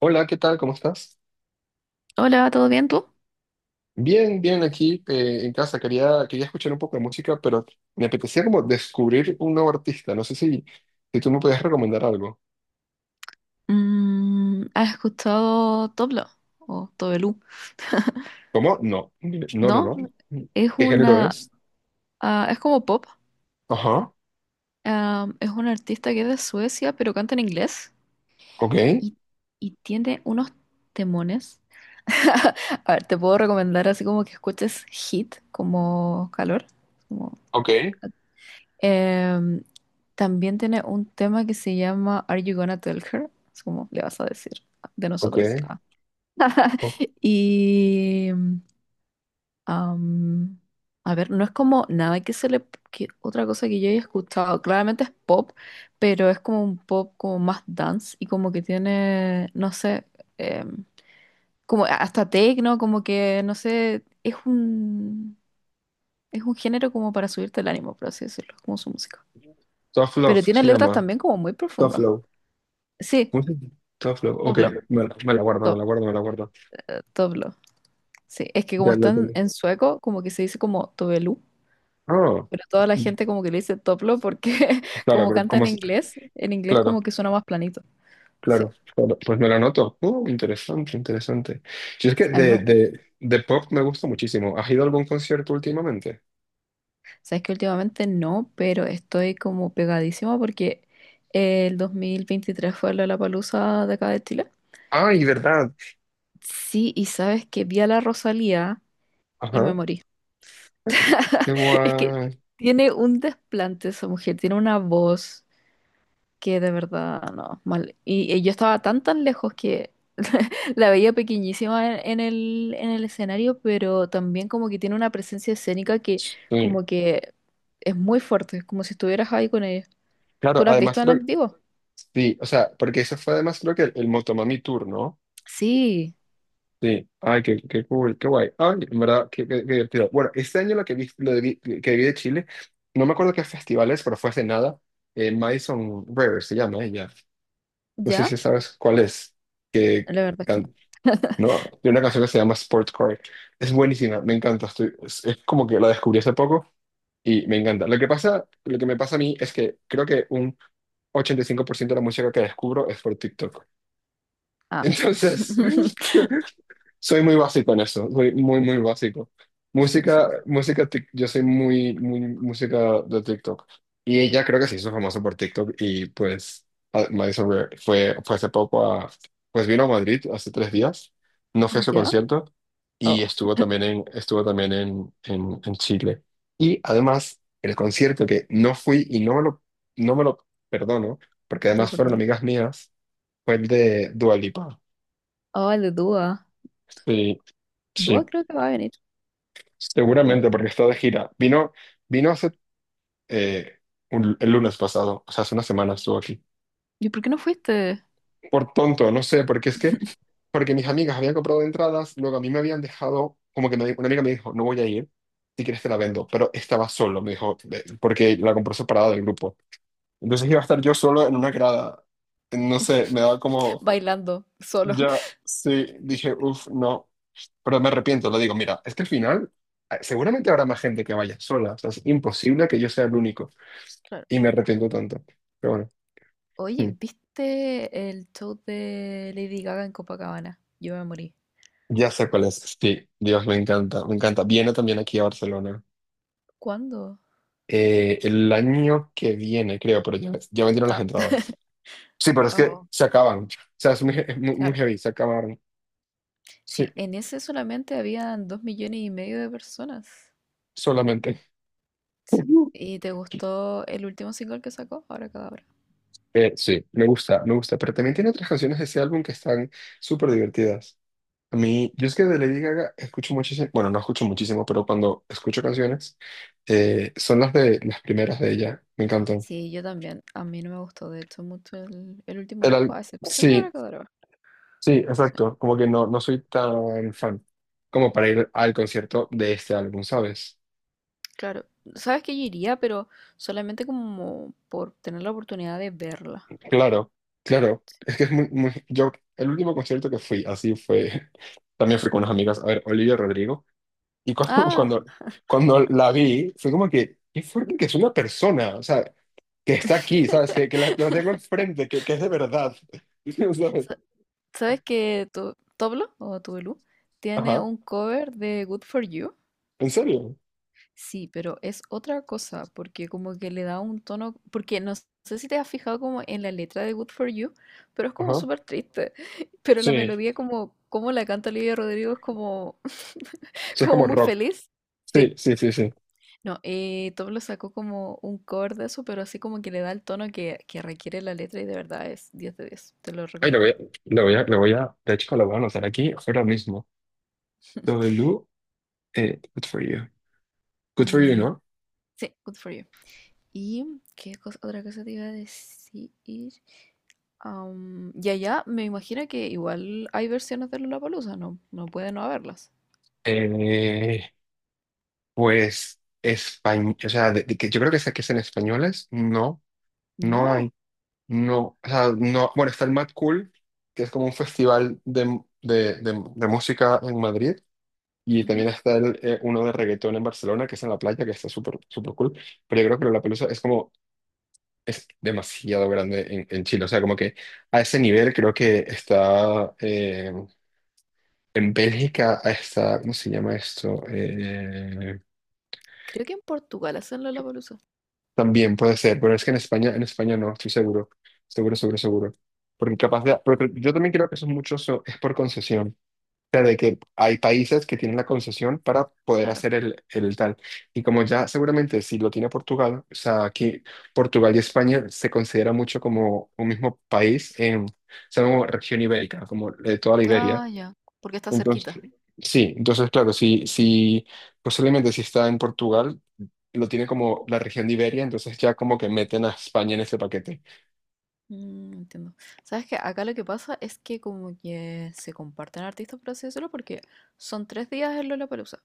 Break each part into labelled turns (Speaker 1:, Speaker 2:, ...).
Speaker 1: Hola, ¿qué tal? ¿Cómo estás?
Speaker 2: Hola, ¿todo bien tú?
Speaker 1: Bien, bien, aquí en casa. Quería escuchar un poco de música, pero me apetecía como descubrir un nuevo artista. No sé si tú me puedes recomendar algo.
Speaker 2: ¿Has escuchado Toblo o Tobelú?
Speaker 1: ¿Cómo? No, no, no,
Speaker 2: ¿No?
Speaker 1: no.
Speaker 2: Es
Speaker 1: ¿Qué género
Speaker 2: una,
Speaker 1: es?
Speaker 2: ah, es como pop.
Speaker 1: Ajá,
Speaker 2: Ah, es un artista que es de Suecia, pero canta en inglés
Speaker 1: ok,
Speaker 2: y, y tiene unos temones. A ver, te puedo recomendar así como que escuches Hit, como calor. como-
Speaker 1: ok,
Speaker 2: Em, También tiene un tema que se llama Are You Gonna Tell Her? Es como le vas a decir de
Speaker 1: ok.
Speaker 2: nosotros. Ah.
Speaker 1: Oh,
Speaker 2: Y Am, a ver, no es como nada que se le... que otra cosa que yo haya escuchado, claramente es pop, pero es como un pop como más dance y como que tiene, no sé, em, como hasta techno, como que, no sé, es un género como para subirte el ánimo, por así decirlo, como su música.
Speaker 1: Tough
Speaker 2: Pero
Speaker 1: Love
Speaker 2: tiene
Speaker 1: se
Speaker 2: letras
Speaker 1: llama.
Speaker 2: también como muy
Speaker 1: Tough
Speaker 2: profundas.
Speaker 1: Love.
Speaker 2: Sí,
Speaker 1: ¿Cómo se llama? Tough Love, ok.
Speaker 2: toblo,
Speaker 1: Me, la me la guardo, me la
Speaker 2: to,
Speaker 1: guardo, me la guardo.
Speaker 2: toblo, sí. Es que como
Speaker 1: Ya la
Speaker 2: están
Speaker 1: tengo.
Speaker 2: en sueco, como que se dice como Tobelu.
Speaker 1: Ah,
Speaker 2: Pero toda la gente como que le dice Toplo porque
Speaker 1: claro,
Speaker 2: como canta en inglés
Speaker 1: Claro.
Speaker 2: como que suena más planito. Sí.
Speaker 1: Claro, claro. Pues me lo anoto. Interesante, interesante. Si es que
Speaker 2: A mí
Speaker 1: de,
Speaker 2: me-
Speaker 1: de, de pop me gusta muchísimo. ¿Has ido a algún concierto últimamente?
Speaker 2: sabes que últimamente no, pero estoy como pegadísima porque el 2023 fue la palusa de acá de Chile.
Speaker 1: Ay, ¿verdad?
Speaker 2: Sí, y sabes que vi a la Rosalía y me
Speaker 1: Ajá.
Speaker 2: morí.
Speaker 1: Qué
Speaker 2: Es que
Speaker 1: guay.
Speaker 2: tiene un desplante esa mujer, tiene una voz que de verdad, no, mal. Y yo estaba tan tan lejos que la veía pequeñísima en el escenario, pero también como que tiene una presencia escénica que
Speaker 1: Sí.
Speaker 2: como que es muy fuerte, es como si estuvieras ahí con ella.
Speaker 1: Claro,
Speaker 2: ¿Tú la has
Speaker 1: además
Speaker 2: visto
Speaker 1: creo que...
Speaker 2: en vivo?
Speaker 1: Sí, o sea, porque eso fue además creo que el Motomami Tour, ¿no?
Speaker 2: Sí,
Speaker 1: Sí. Ay, qué, qué cool, qué guay. Ay, en verdad, qué, qué divertido. Bueno, este año lo que vi, que vi de Chile, no me acuerdo qué festivales, pero fue hace nada. Madison River se llama ella. No sé
Speaker 2: ¿ya?
Speaker 1: si sabes cuál es. Que
Speaker 2: La verdad es que no.
Speaker 1: can- no, de una canción que se llama Sportcore. Es buenísima, me encanta. Es es como que la descubrí hace poco y me encanta. Lo que me pasa a mí es que creo que un 85% de la música que descubro es por TikTok.
Speaker 2: Ah.
Speaker 1: Entonces, Soy muy básico en eso, soy muy básico. Yo soy muy música de TikTok. Y ella creo que se hizo famosa por TikTok y pues Madison Beer fue hace poco pues vino a Madrid hace 3 días, no fue a su
Speaker 2: ¿Ya?
Speaker 1: concierto y
Speaker 2: Oh,
Speaker 1: estuvo también en Chile. Y además, el concierto que no fui y no me no me lo perdono, porque
Speaker 2: te lo
Speaker 1: además fueron
Speaker 2: perdono.
Speaker 1: amigas mías, fue el de Dua Lipa.
Speaker 2: Oh, el de Dua.
Speaker 1: Sí,
Speaker 2: Dua
Speaker 1: sí.
Speaker 2: creo que va a venir por acá.
Speaker 1: Seguramente, porque está de gira. Vino hace eh, el lunes pasado, o sea, hace una semana estuvo aquí.
Speaker 2: ¿Y por qué no fuiste?
Speaker 1: Por tonto, no sé, porque mis amigas habían comprado entradas, luego a mí me habían dejado, como que una amiga me dijo, no voy a ir, si quieres te la vendo, pero estaba solo, me dijo, "Ve", porque la compró separada del grupo. Entonces iba a estar yo solo en una grada, no sé, me daba como,
Speaker 2: Bailando, solo.
Speaker 1: ya, sí, dije, uff, no, pero me arrepiento, le digo, mira, es que al final... Seguramente habrá más gente que vaya sola, o sea, es imposible que yo sea el único. Y me arrepiento tanto. Pero bueno,
Speaker 2: Oye,
Speaker 1: mm,
Speaker 2: ¿viste el show de Lady Gaga en Copacabana? Yo me morí.
Speaker 1: ya sé cuál es. Sí, Dios, me encanta, me encanta. Viene también aquí a Barcelona.
Speaker 2: ¿Cuándo?
Speaker 1: El año que viene, creo, pero ya vendieron las
Speaker 2: Ah,
Speaker 1: entradas. Sí, pero es que
Speaker 2: oh,
Speaker 1: se acaban. O sea, es muy, muy
Speaker 2: claro.
Speaker 1: heavy, se acabaron. Sí,
Speaker 2: Sí, en ese solamente habían 2,5 millones de personas.
Speaker 1: solamente.
Speaker 2: Sí. ¿Y te gustó el último single que sacó? Ahora Cadabra.
Speaker 1: Sí, me gusta, me gusta. Pero también tiene otras canciones de ese álbum que están súper divertidas. A mí, yo es que de Lady Gaga escucho muchísimo, bueno, no escucho muchísimo, pero cuando escucho canciones, son las de las primeras de ella. Me encantan.
Speaker 2: Sí, yo también. A mí no me gustó de hecho mucho el último
Speaker 1: El
Speaker 2: disco,
Speaker 1: al-
Speaker 2: a excepción de Ahora
Speaker 1: sí,
Speaker 2: Cadabra.
Speaker 1: sí,
Speaker 2: Sí.
Speaker 1: exacto. Como que no, no soy tan fan como para ir al concierto de este álbum, ¿sabes?
Speaker 2: Claro, sabes que yo iría, pero solamente como por tener la oportunidad de verla.
Speaker 1: Claro, claro. Es que es muy, Yo, el último concierto que fui, así fue, también fui con unas amigas, a ver, Olivia Rodrigo. Y cuando,
Speaker 2: Ah,
Speaker 1: cuando, cuando la vi, fue como que, qué fuerte que es una persona, o sea, que está aquí, ¿sabes? La tengo enfrente, que es de verdad, ¿sabes?
Speaker 2: Sa- ¿Sabes que tu Toblo o Tubelú tiene
Speaker 1: Ajá,
Speaker 2: un cover de Good For You?
Speaker 1: ¿en serio?
Speaker 2: Sí, pero es otra cosa, porque como que le da un tono, porque no sé si te has fijado como en la letra de Good For You, pero es como
Speaker 1: Ajá,
Speaker 2: súper triste, pero la
Speaker 1: sí,
Speaker 2: melodía como la canta Olivia Rodrigo es como,
Speaker 1: sí, es
Speaker 2: como
Speaker 1: como
Speaker 2: muy
Speaker 1: rock.
Speaker 2: feliz.
Speaker 1: Sí,
Speaker 2: Sí.
Speaker 1: sí, sí, sí.
Speaker 2: No, Toblo sacó como un cover de eso, pero así como que le da el tono que requiere la letra y de verdad es 10 de 10, te lo
Speaker 1: Ay,
Speaker 2: recomiendo.
Speaker 1: lo voy a, de hecho, lo voy a anotar aquí ahora mismo. W, good for you. Good for you,
Speaker 2: Y
Speaker 1: ¿no?
Speaker 2: sí, good for you. ¿Y otra cosa te iba a decir? Y allá me imagino que igual hay versiones de Lollapalooza, no, no puede no haberlas.
Speaker 1: Eh, pues, español, o sea, de que yo creo que, que sean españoles, no, no
Speaker 2: No,
Speaker 1: hay, no, o sea, no, bueno, está el Mad Cool, que es como un festival de música en Madrid, y también
Speaker 2: ujú.
Speaker 1: está el uno de reggaetón en Barcelona, que es en la playa, que está súper, súper cool, pero yo creo que la pelusa es como es demasiado grande en Chile. O sea, como que a ese nivel creo que está en Bélgica, está, ¿cómo se llama esto?
Speaker 2: Creo que en Portugal hacen Lollapalooza,
Speaker 1: También puede ser, pero es que en España no, estoy seguro, seguro, seguro, seguro. Porque yo también creo que eso mucho es por concesión. Sea, de que hay países que tienen la concesión para poder
Speaker 2: claro.
Speaker 1: hacer el tal. Y como ya seguramente si lo tiene Portugal, o sea, aquí Portugal y España se considera mucho como un mismo país en, o sea, como región ibérica, como de toda la Iberia.
Speaker 2: Ah, ya, porque está
Speaker 1: Entonces,
Speaker 2: cerquita.
Speaker 1: sí, entonces claro, si posiblemente si está en Portugal, lo tiene como la región de Iberia, entonces ya como que meten a España en ese paquete.
Speaker 2: Mm, entiendo. ¿Sabes que acá lo que pasa es que como que se comparten artistas, por así decirlo, porque son 3 días en Lollapalooza.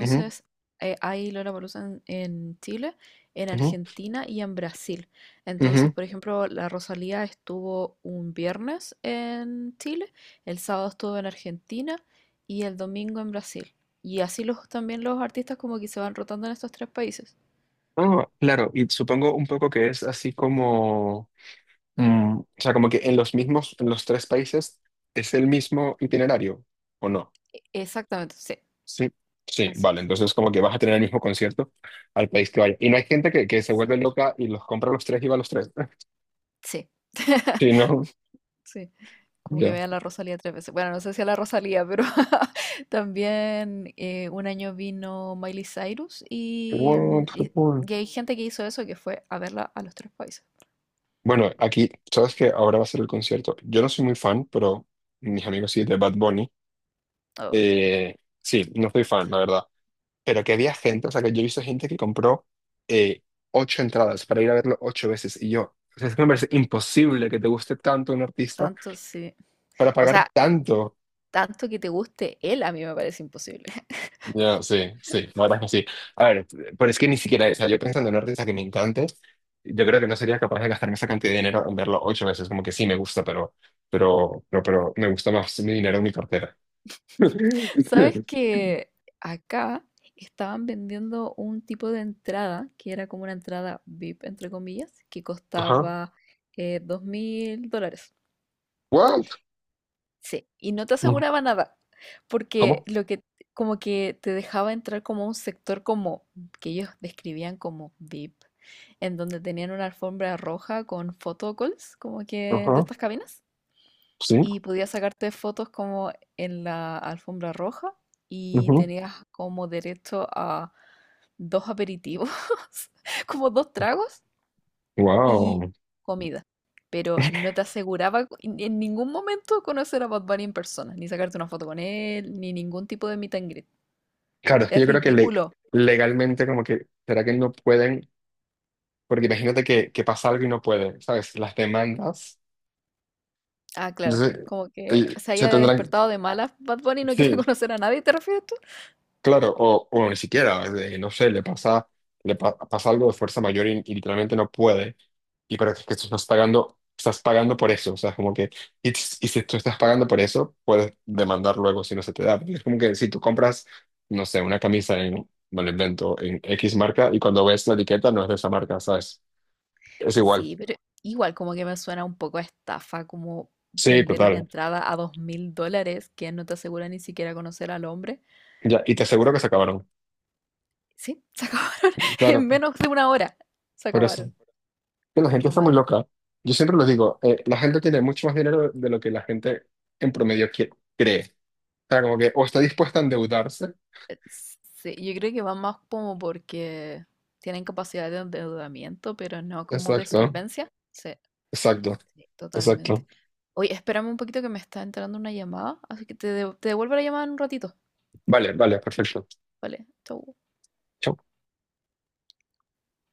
Speaker 1: Ujú,
Speaker 2: hay Lollapalooza en Chile, en
Speaker 1: ujú,
Speaker 2: Argentina y en Brasil. Entonces,
Speaker 1: ujú.
Speaker 2: por ejemplo, la Rosalía estuvo un viernes en Chile, el sábado estuvo en Argentina y el domingo en Brasil. Y así también los artistas como que se van rotando en estos tres países.
Speaker 1: Ah, claro, y supongo un poco que es así como... Mm, o sea, como que en los mismos, en los tres países es el mismo itinerario, ¿o no?
Speaker 2: Exactamente, sí,
Speaker 1: Sí. Sí,
Speaker 2: así
Speaker 1: vale,
Speaker 2: es.
Speaker 1: entonces como que vas a tener el mismo concierto al país que vaya. Y no hay gente que se vuelve
Speaker 2: Exacto.
Speaker 1: loca y los compra los tres y va a los tres.
Speaker 2: Sí.
Speaker 1: Sí, no,
Speaker 2: Sí, como que
Speaker 1: ya.
Speaker 2: vea a la Rosalía tres veces. Bueno, no sé si a la Rosalía, pero también un año vino Miley Cyrus y, mm,
Speaker 1: What the
Speaker 2: y-
Speaker 1: fuck?
Speaker 2: y hay gente que hizo eso que fue a verla a los tres países.
Speaker 1: Bueno, aquí, sabes que ahora va a ser el concierto. Yo no soy muy fan, pero mis amigos sí, de Bad Bunny.
Speaker 2: Oh,
Speaker 1: Eh, sí, no soy fan, la verdad. Pero que había gente, o sea, que yo he visto gente que compró eh, ocho entradas para ir a verlo ocho veces. Y yo, o sea, es que me parece imposible que te guste tanto un artista
Speaker 2: tanto sí.
Speaker 1: para
Speaker 2: O
Speaker 1: pagar
Speaker 2: sea,
Speaker 1: tanto.
Speaker 2: tanto que te guste él a mí me parece imposible.
Speaker 1: Ya, sí, sí, la verdad es que sí. A ver, pero es que ni siquiera, o sea, yo pensando en un artista que me encante, yo creo que no sería capaz de gastarme esa cantidad de dinero en verlo ocho veces, como que sí me gusta, pero me gusta más mi dinero en mi cartera.
Speaker 2: ¿Sabes que acá estaban vendiendo un tipo de entrada que era como una entrada VIP, entre comillas, que
Speaker 1: Ajá.
Speaker 2: costaba US$2.000?
Speaker 1: What?
Speaker 2: Sí, y no te aseguraba nada, porque
Speaker 1: ¿Cómo?
Speaker 2: lo que como que te dejaba entrar como a un sector como que ellos describían como VIP, en donde tenían una alfombra roja con photocalls, como que de
Speaker 1: Ajá.
Speaker 2: estas cabinas,
Speaker 1: Sí.
Speaker 2: y podías sacarte fotos como en la alfombra roja y
Speaker 1: Ujú.
Speaker 2: tenías como derecho a dos aperitivos, como dos tragos y
Speaker 1: Wow.
Speaker 2: comida. Pero no te aseguraba en ningún momento conocer a Bad Bunny en persona, ni sacarte una foto con él, ni ningún tipo de meet and greet.
Speaker 1: Claro, es que yo
Speaker 2: Es
Speaker 1: creo que
Speaker 2: ridículo.
Speaker 1: legalmente como que, ¿será que no pueden? Porque imagínate que pasa algo y no pueden, ¿sabes? Las demandas.
Speaker 2: Ah, claro.
Speaker 1: Entonces,
Speaker 2: Como que
Speaker 1: te-
Speaker 2: se
Speaker 1: se
Speaker 2: haya
Speaker 1: tendrán,
Speaker 2: despertado de malas Bad Bunny y no
Speaker 1: sí,
Speaker 2: quiera conocer a nadie, ¿te refieres tú?
Speaker 1: claro, o ni siquiera, no sé, le pasa, le pa- pasa algo de fuerza mayor y literalmente no puede. Y pero es que tú estás pagando por eso. O sea, es como que, y si tú estás pagando por eso, puedes demandar luego si no se te da. Porque es como que si tú compras, no sé, una camisa me lo invento, en X marca y cuando ves la etiqueta no es de esa marca, ¿sabes? Es igual.
Speaker 2: Sí, pero igual como que me suena un poco a estafa, como
Speaker 1: Sí,
Speaker 2: vender una
Speaker 1: total.
Speaker 2: entrada a US$2.000 que no te asegura ni siquiera conocer al hombre.
Speaker 1: Ya, y te aseguro que se acabaron.
Speaker 2: Sí, se acabaron en
Speaker 1: Claro,
Speaker 2: menos de una hora. Se
Speaker 1: por eso.
Speaker 2: acabaron.
Speaker 1: Que la gente
Speaker 2: Qué
Speaker 1: está muy
Speaker 2: mal.
Speaker 1: loca. Yo siempre lo digo, la gente tiene mucho más dinero de lo que la gente en promedio cree. O sea, como que o está dispuesta a endeudarse.
Speaker 2: Sí, yo creo que va más como porque tienen capacidad de endeudamiento, pero no como de
Speaker 1: Exacto,
Speaker 2: solvencia. Sí,
Speaker 1: exacto,
Speaker 2: sí, totalmente.
Speaker 1: exacto.
Speaker 2: Oye, espérame un poquito que me está entrando una llamada, así que te devuelvo la llamada en un ratito.
Speaker 1: Vale, vale, perfecto.
Speaker 2: Vale, chau.
Speaker 1: Chao.